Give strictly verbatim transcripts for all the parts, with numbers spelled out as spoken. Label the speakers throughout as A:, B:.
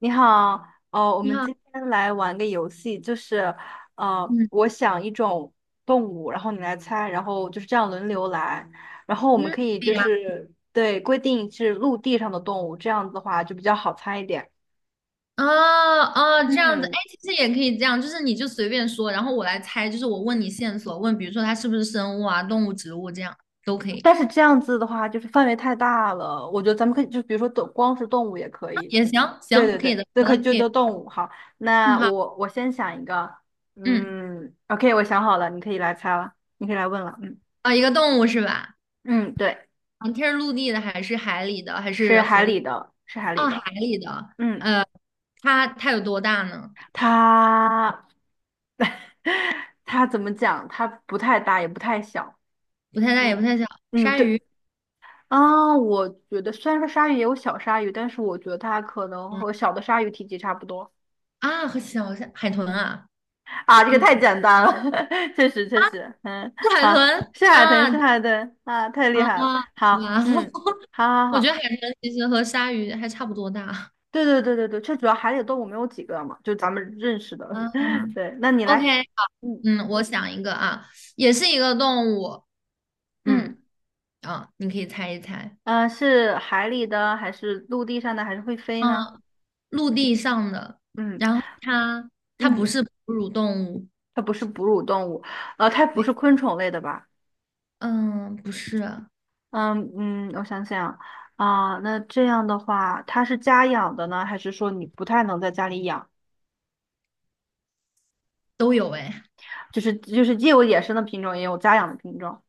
A: 你好，呃，我
B: 你
A: 们
B: 好，
A: 今天来玩个游戏，就是，呃，
B: 嗯
A: 我想一种动物，然后你来猜，然后就是这样轮流来，然后我
B: 嗯，
A: 们可以
B: 可以
A: 就
B: 呀。
A: 是对规定是陆地上的动物，这样子的话就比较好猜一点。
B: 哦哦，这样子，哎，
A: 嗯，
B: 其实也可以这样，就是你就随便说，然后我来猜，就是我问你线索，问比如说它是不是生物啊、动物、植物这样都可以。
A: 但是这样子的话就是范围太大了，我觉得咱们可以就比如说动光是动物也可
B: 啊
A: 以。
B: 也行，
A: 对
B: 行，
A: 对
B: 可以的，
A: 对，那
B: 好
A: 可
B: 的，
A: 以就
B: 可以，
A: 都动物。好，
B: 嗯，
A: 那
B: 好，
A: 我我先想一个，
B: 嗯，
A: 嗯，OK，我想好了，你可以来猜了，你可以来问了。嗯
B: 啊，一个动物是吧？
A: 嗯，对。
B: 啊，它是陆地的还是海里的还
A: 是
B: 是河？
A: 海里的，是海里
B: 哦，
A: 的。
B: 海里的，
A: 嗯，
B: 呃，它它有多大呢？
A: 它 它怎么讲？它不太大，也不太小。
B: 不太大也不
A: 嗯
B: 太小，
A: 嗯，
B: 鲨
A: 对。
B: 鱼。
A: 啊，我觉得虽然说鲨鱼也有小鲨鱼，但是我觉得它可能
B: 嗯。
A: 和小的鲨鱼体积差不多。
B: 啊，和小海豚啊。
A: 啊，这个太
B: 嗯，
A: 简单了，确实确实。嗯，
B: 是海
A: 好，
B: 豚
A: 是海豚，是
B: 啊。
A: 海豚啊，太厉
B: 啊
A: 害了。
B: 啊！哇
A: 好，嗯，好 好
B: 我
A: 好，
B: 觉得海豚其实和鲨鱼还差不多大。
A: 对对对对对，这主要海里的动物没有几个嘛，就咱们认识 的。
B: 啊
A: 对，那你
B: ，OK，
A: 来，嗯
B: 嗯，我想一个啊，也是一个动物。
A: 嗯。
B: 嗯，啊，你可以猜一猜。
A: 嗯，是海里的还是陆地上的，还是会飞呢？
B: 嗯，陆地上的，
A: 嗯
B: 然后它它不
A: 嗯，
B: 是哺乳动物。
A: 它不是哺乳动物，呃，它不
B: 对，
A: 是昆虫类的吧？
B: 嗯，不是，
A: 嗯嗯，我想想啊，那这样的话，它是家养的呢，还是说你不太能在家里养？
B: 都有哎。
A: 就是就是既有野生的品种，也有家养的品种。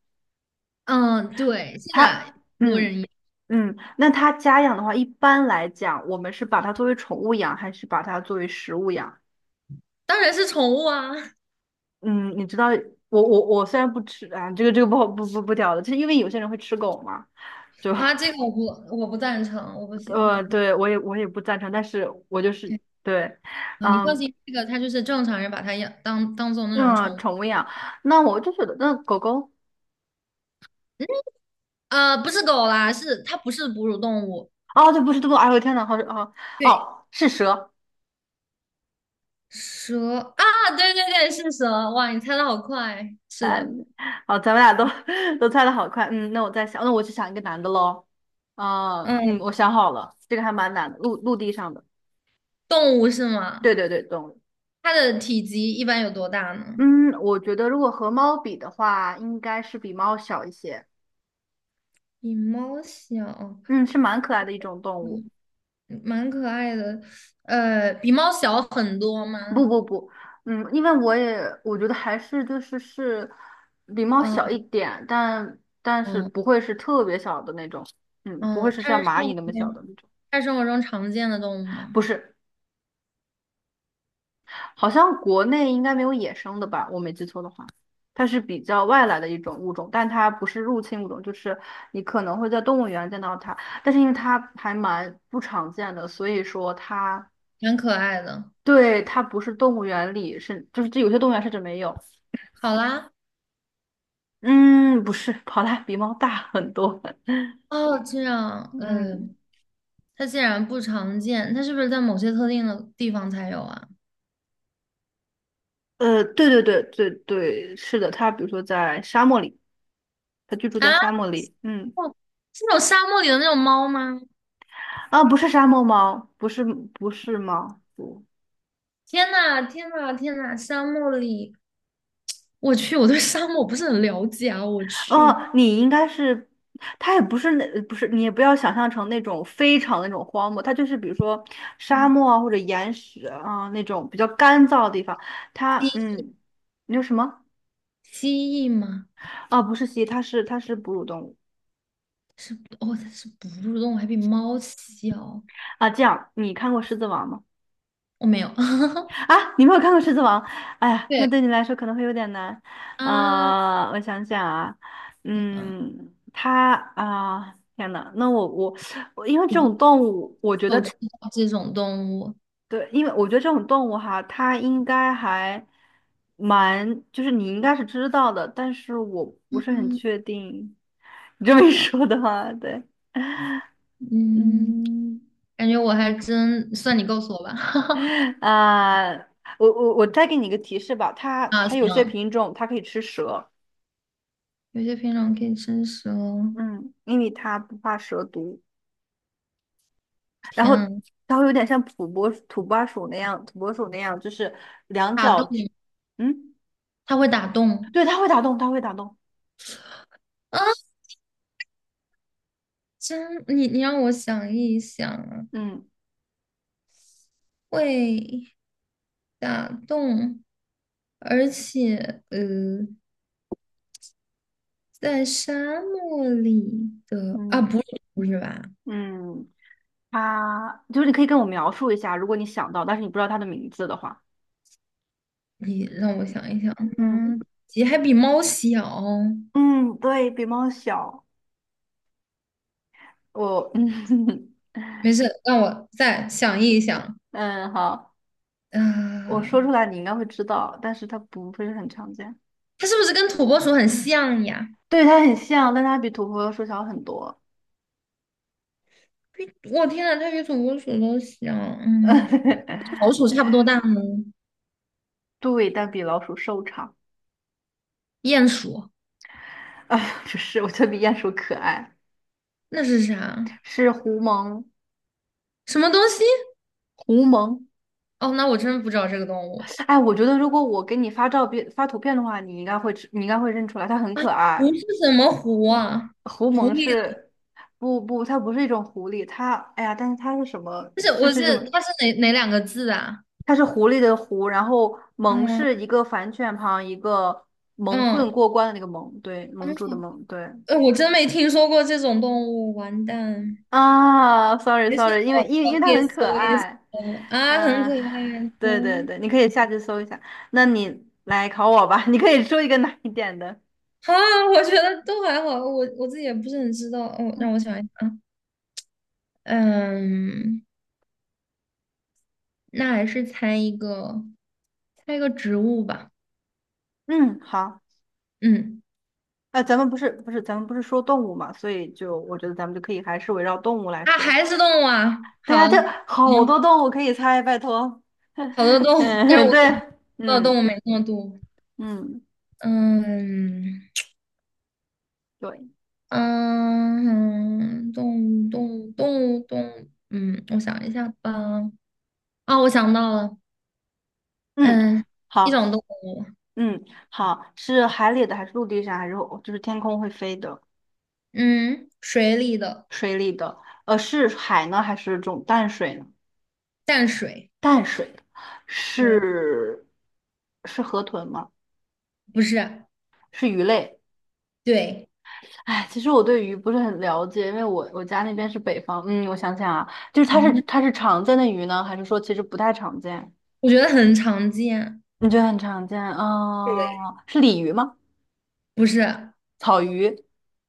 B: 嗯，对，现在
A: 它
B: 很多
A: 嗯
B: 人也
A: 嗯，那它家养的话，一般来讲，我们是把它作为宠物养，还是把它作为食物养？
B: 当然是宠物啊。
A: 嗯，你知道我我我虽然不吃啊，这个这个不好不不不屌的，就是因为有些人会吃狗嘛，就
B: 啊，这个我不我不赞成，我不 喜欢。
A: 呃，对我也我也不赞成，但是我就是
B: 对。
A: 对，
B: 啊，你放
A: 嗯
B: 心，这个它就是正常人把它养当当做那种
A: 嗯，
B: 宠物。
A: 宠物养，那我就觉得那狗狗
B: 呃，不是狗啦，是它不是哺乳动物。
A: 哦，这不是这个，哎呦我天呐，好哦
B: 对。
A: 哦是蛇，
B: 蛇啊。对对对，是蛇。哇，你猜的好快，是的。
A: 好咱们俩都 都猜的好快，嗯，那我再想，那我去想一个男的喽，嗯嗯，
B: 嗯，
A: 我想好了，这个还蛮难的，陆陆地上的，
B: 动物是吗？
A: 对对对，动物，
B: 它的体积一般有多大呢？
A: 嗯，我觉得如果和猫比的话，应该是比猫小一些。
B: 比猫小。
A: 嗯，是蛮可爱的一种动物。
B: 嗯，蛮可爱的，呃，比猫小很多吗？
A: 不不不，嗯，因为我也我觉得还是就是是比猫小
B: 嗯
A: 一点，但但是
B: 嗯
A: 不会是特别小的那种，嗯，不会
B: 嗯，
A: 是
B: 它
A: 像
B: 是
A: 蚂
B: 生
A: 蚁
B: 活
A: 那么小的
B: 中
A: 那种，
B: 它是生活中常见的动物吗？
A: 不是，好像国内应该没有野生的吧，我没记错的话，它是比较外来的一种物种，但它不是入侵物种，就是你可能会在动物园见到它，但是因为它还蛮不常见的，所以说它
B: 蛮可爱的，
A: 对它不是动物园里是就是这有些动物园甚至没有。
B: 好啦，
A: 嗯，不是，跑它比猫大很多。
B: 哦，这样，嗯。
A: 嗯，
B: 它竟然不常见，它是不是在某些特定的地方才有啊？
A: 呃，对对对对对，是的，它比如说在沙漠里，它居住在
B: 啊，
A: 沙漠里。嗯，
B: 哦，是那种沙漠里的那种猫吗？
A: 啊，不是沙漠猫，不是不是猫，不，
B: 天呐，天呐，天呐！沙漠里，我去，我对沙漠不是很了解啊，我去。
A: 哦，你应该是，它也不是那不是，你也不要想象成那种非常那种荒漠，它就是比如说沙
B: 嗯，
A: 漠啊或者岩石啊那种比较干燥的地方。它，
B: 蜥
A: 嗯，你说什么？
B: 蜥蜴吗？
A: 啊，不是蜥蜴，它是它是哺乳动物
B: 是。哦，它是哺乳动物，还比猫小。
A: 啊。这样，你看过《狮子王》吗？
B: 我没有。
A: 啊，你没有看过《狮子王》？哎呀，那
B: 对。
A: 对你来说可能会有点难。
B: 啊，我
A: 啊、我想想啊，嗯，它啊、天呐，那我我我，因为这种
B: 不
A: 动物，我觉得
B: 我知道这种动物。
A: 对，因为我觉得这种动物哈，它应该还蛮，就是你应该是知道的，但是我不是很
B: 嗯，
A: 确定。你这么一
B: 呃
A: 说的话，对，
B: 嗯嗯，
A: 嗯，
B: 感觉我还真算你告诉我吧。
A: 啊、我我我再给你一个提示吧，它
B: 啊，
A: 它有些
B: 行，
A: 品种它可以吃蛇。
B: 有些品种可以生食哦。
A: 嗯，因为它不怕蛇毒，然
B: 天
A: 后
B: 啊，
A: 它会有点像土拨土拨鼠那样，土拨鼠那样，就是两
B: 打洞，
A: 脚，嗯，
B: 它会打洞
A: 对，它会打洞，它会打洞，
B: 啊！真，你你让我想一想啊，
A: 嗯
B: 会打洞，而且呃，在沙漠里的啊，不
A: 嗯
B: 是，不是吧？
A: 嗯，它就是你可以跟我描述一下，如果你想到，但是你不知道它的名字的话，
B: 你让我想一想。
A: 嗯
B: 嗯，鸡还比猫小。
A: 嗯，对，比猫小，我 嗯
B: 没事，让我再想一想
A: 嗯好，我
B: 啊，
A: 说出来你应该会知道，但是它不会很常见，
B: 它是不是跟土拨鼠很像呀？
A: 对，它很像，但它比土拨鼠小很多。
B: 比我天呐，它比土拨鼠都小，嗯。老鼠差不多大吗？
A: 对，但比老鼠瘦长。
B: 鼹鼠。
A: 哎，不是，我觉得比鼹鼠可爱。
B: 那是啥？
A: 是狐獴，
B: 什么东西？
A: 狐獴。
B: 哦，那我真不知道这个动物。
A: 哎，我觉得如果我给你发照片、发图片的话，你应该会知你应该会认出来，它很可爱。
B: 狐是什么狐啊？
A: 狐
B: 狐
A: 獴
B: 狸。
A: 是，不不，它不是一种狐狸，它，哎呀，但是它是什么？
B: 不是，
A: 就
B: 我
A: 是这么，
B: 是它是哪哪两个字啊？
A: 它是狐狸的狐，然后獴
B: 嗯
A: 是一个反犬旁，一个蒙
B: 嗯
A: 混过关的那个蒙，对，
B: 嗯，
A: 蒙住的蒙，对。
B: 呃我真没听说过这种动物，完蛋。
A: 啊，sorry
B: 没事，
A: sorry，因
B: 我
A: 为因为因
B: 我
A: 为
B: 可
A: 它
B: 以
A: 很可
B: 搜一搜
A: 爱，
B: 啊，很
A: 嗯、
B: 可爱，
A: 对对
B: 嗯。
A: 对，你可以下去搜一下。那你来考我吧，你可以说一个难一点的。
B: 好啊，我觉得都还好，我我自己也不是很知道。哦，让
A: 嗯，
B: 我想一想啊。嗯，那还是猜一个，猜一个植物吧。
A: 嗯，好，
B: 嗯。
A: 呃，咱们不是不是咱们不是说动物嘛，所以就我觉得咱们就可以还是围绕动物来
B: 啊，
A: 说。
B: 还是动物啊。
A: 对
B: 好，
A: 呀，这好
B: 行，
A: 多动物可以猜，拜托。
B: 好多 动物，但是
A: 嗯，
B: 我可
A: 对，
B: 能知道动
A: 嗯
B: 物没那么多。
A: 嗯，
B: 嗯
A: 对，
B: 嗯，动物动物动物动物，嗯，我想一下吧。啊，我想到了。
A: 嗯，
B: 嗯，一
A: 好，
B: 种动物。
A: 嗯好，是海里的还是陆地上还是就是天空会飞的？
B: 嗯，水里的。
A: 水里的，呃，是海呢还是这种淡水呢？
B: 淡水，
A: 淡水的
B: 对，
A: 是是河豚吗？
B: 不是，
A: 是鱼类。
B: 对。
A: 哎，其实我对鱼不是很了解，因为我我家那边是北方。嗯，我想想啊，就是它是
B: 嗯
A: 它是常见的鱼呢，还是说其实不太常见？
B: 我觉得很常见。
A: 你觉得很常见？
B: 对，
A: 哦，是鲤鱼吗？
B: 不是，
A: 草鱼？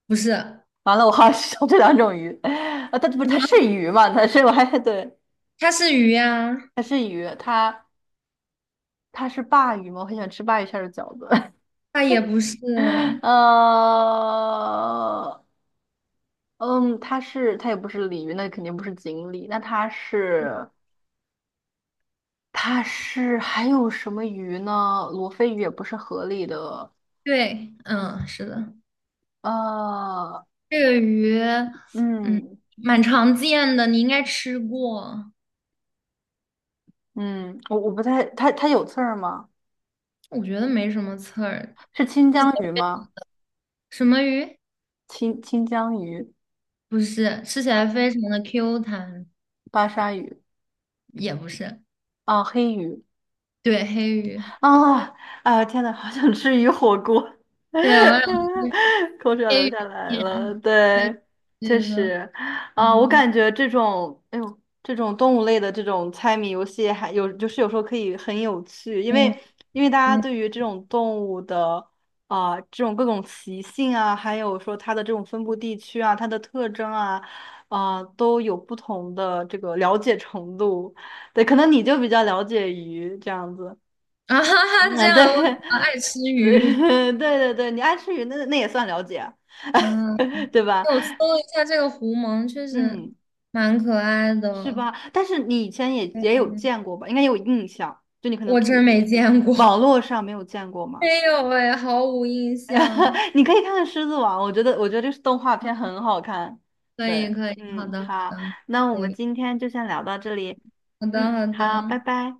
B: 不是。
A: 完了，我好想知道这两种鱼。啊，它不是它是鱼吗？它是我还对，
B: 它是鱼呀、
A: 它是鱼，它它是鲅鱼吗？我很喜欢吃鲅鱼馅儿的饺子。
B: 它也不是。
A: 呃，嗯，他是他也不是鲤鱼，那肯定不是锦鲤，那他是他是还有什么鱼呢？罗非鱼也不是河里的，
B: 对，嗯，是的。
A: 呃，
B: 这个鱼，嗯，
A: 嗯
B: 蛮常见的，你应该吃过。
A: 嗯，我我不太，它它有刺儿吗？
B: 我觉得没什么刺儿。
A: 是清
B: 吃起
A: 江鱼
B: 来非
A: 吗？
B: 什么鱼？
A: 清清江鱼、
B: 不是，吃起来非常的 Q 弹，
A: 巴沙鱼
B: 也不是。
A: 啊，黑鱼
B: 对，黑鱼。
A: 啊，哎呀天呐，好想吃鱼火锅，
B: 对，我想吃
A: 口水要
B: 黑
A: 流下
B: 鱼
A: 来了。
B: 片。对，
A: 对，确
B: 对的，
A: 实，啊，我
B: 嗯，
A: 感觉这种，哎呦，这种动物类的这种猜谜游戏，还有就是有时候可以很有趣，因为
B: 对
A: 因为大家
B: 对，
A: 对于这种动物的啊、这种各种习性啊，还有说它的这种分布地区啊，它的特征啊，啊、都有不同的这个了解程度。对，可能你就比较了解鱼这样子。
B: 啊哈哈，这
A: 嗯，对，
B: 样我比较爱吃 鱼。
A: 对对对，你爱吃鱼，那那也算了解，
B: 嗯。
A: 对吧？
B: 我搜了一下这个狐獴，确实
A: 嗯，
B: 蛮可爱
A: 是
B: 的。
A: 吧？但是你以前也也有见过吧？应该有印象，就你可能
B: 我真
A: 土，
B: 没见过。
A: 网络上没有见过 吗？
B: 没有哎，毫无印象。
A: 你可以看看《狮子王》，我觉得我觉得这是动画片很好看。
B: 可以，
A: 对，
B: 可以，好
A: 嗯，
B: 的，好
A: 好，
B: 的，
A: 那我
B: 可
A: 们
B: 以，
A: 今天就先聊到这里。
B: 好的，
A: 嗯，
B: 好的。
A: 好，拜拜。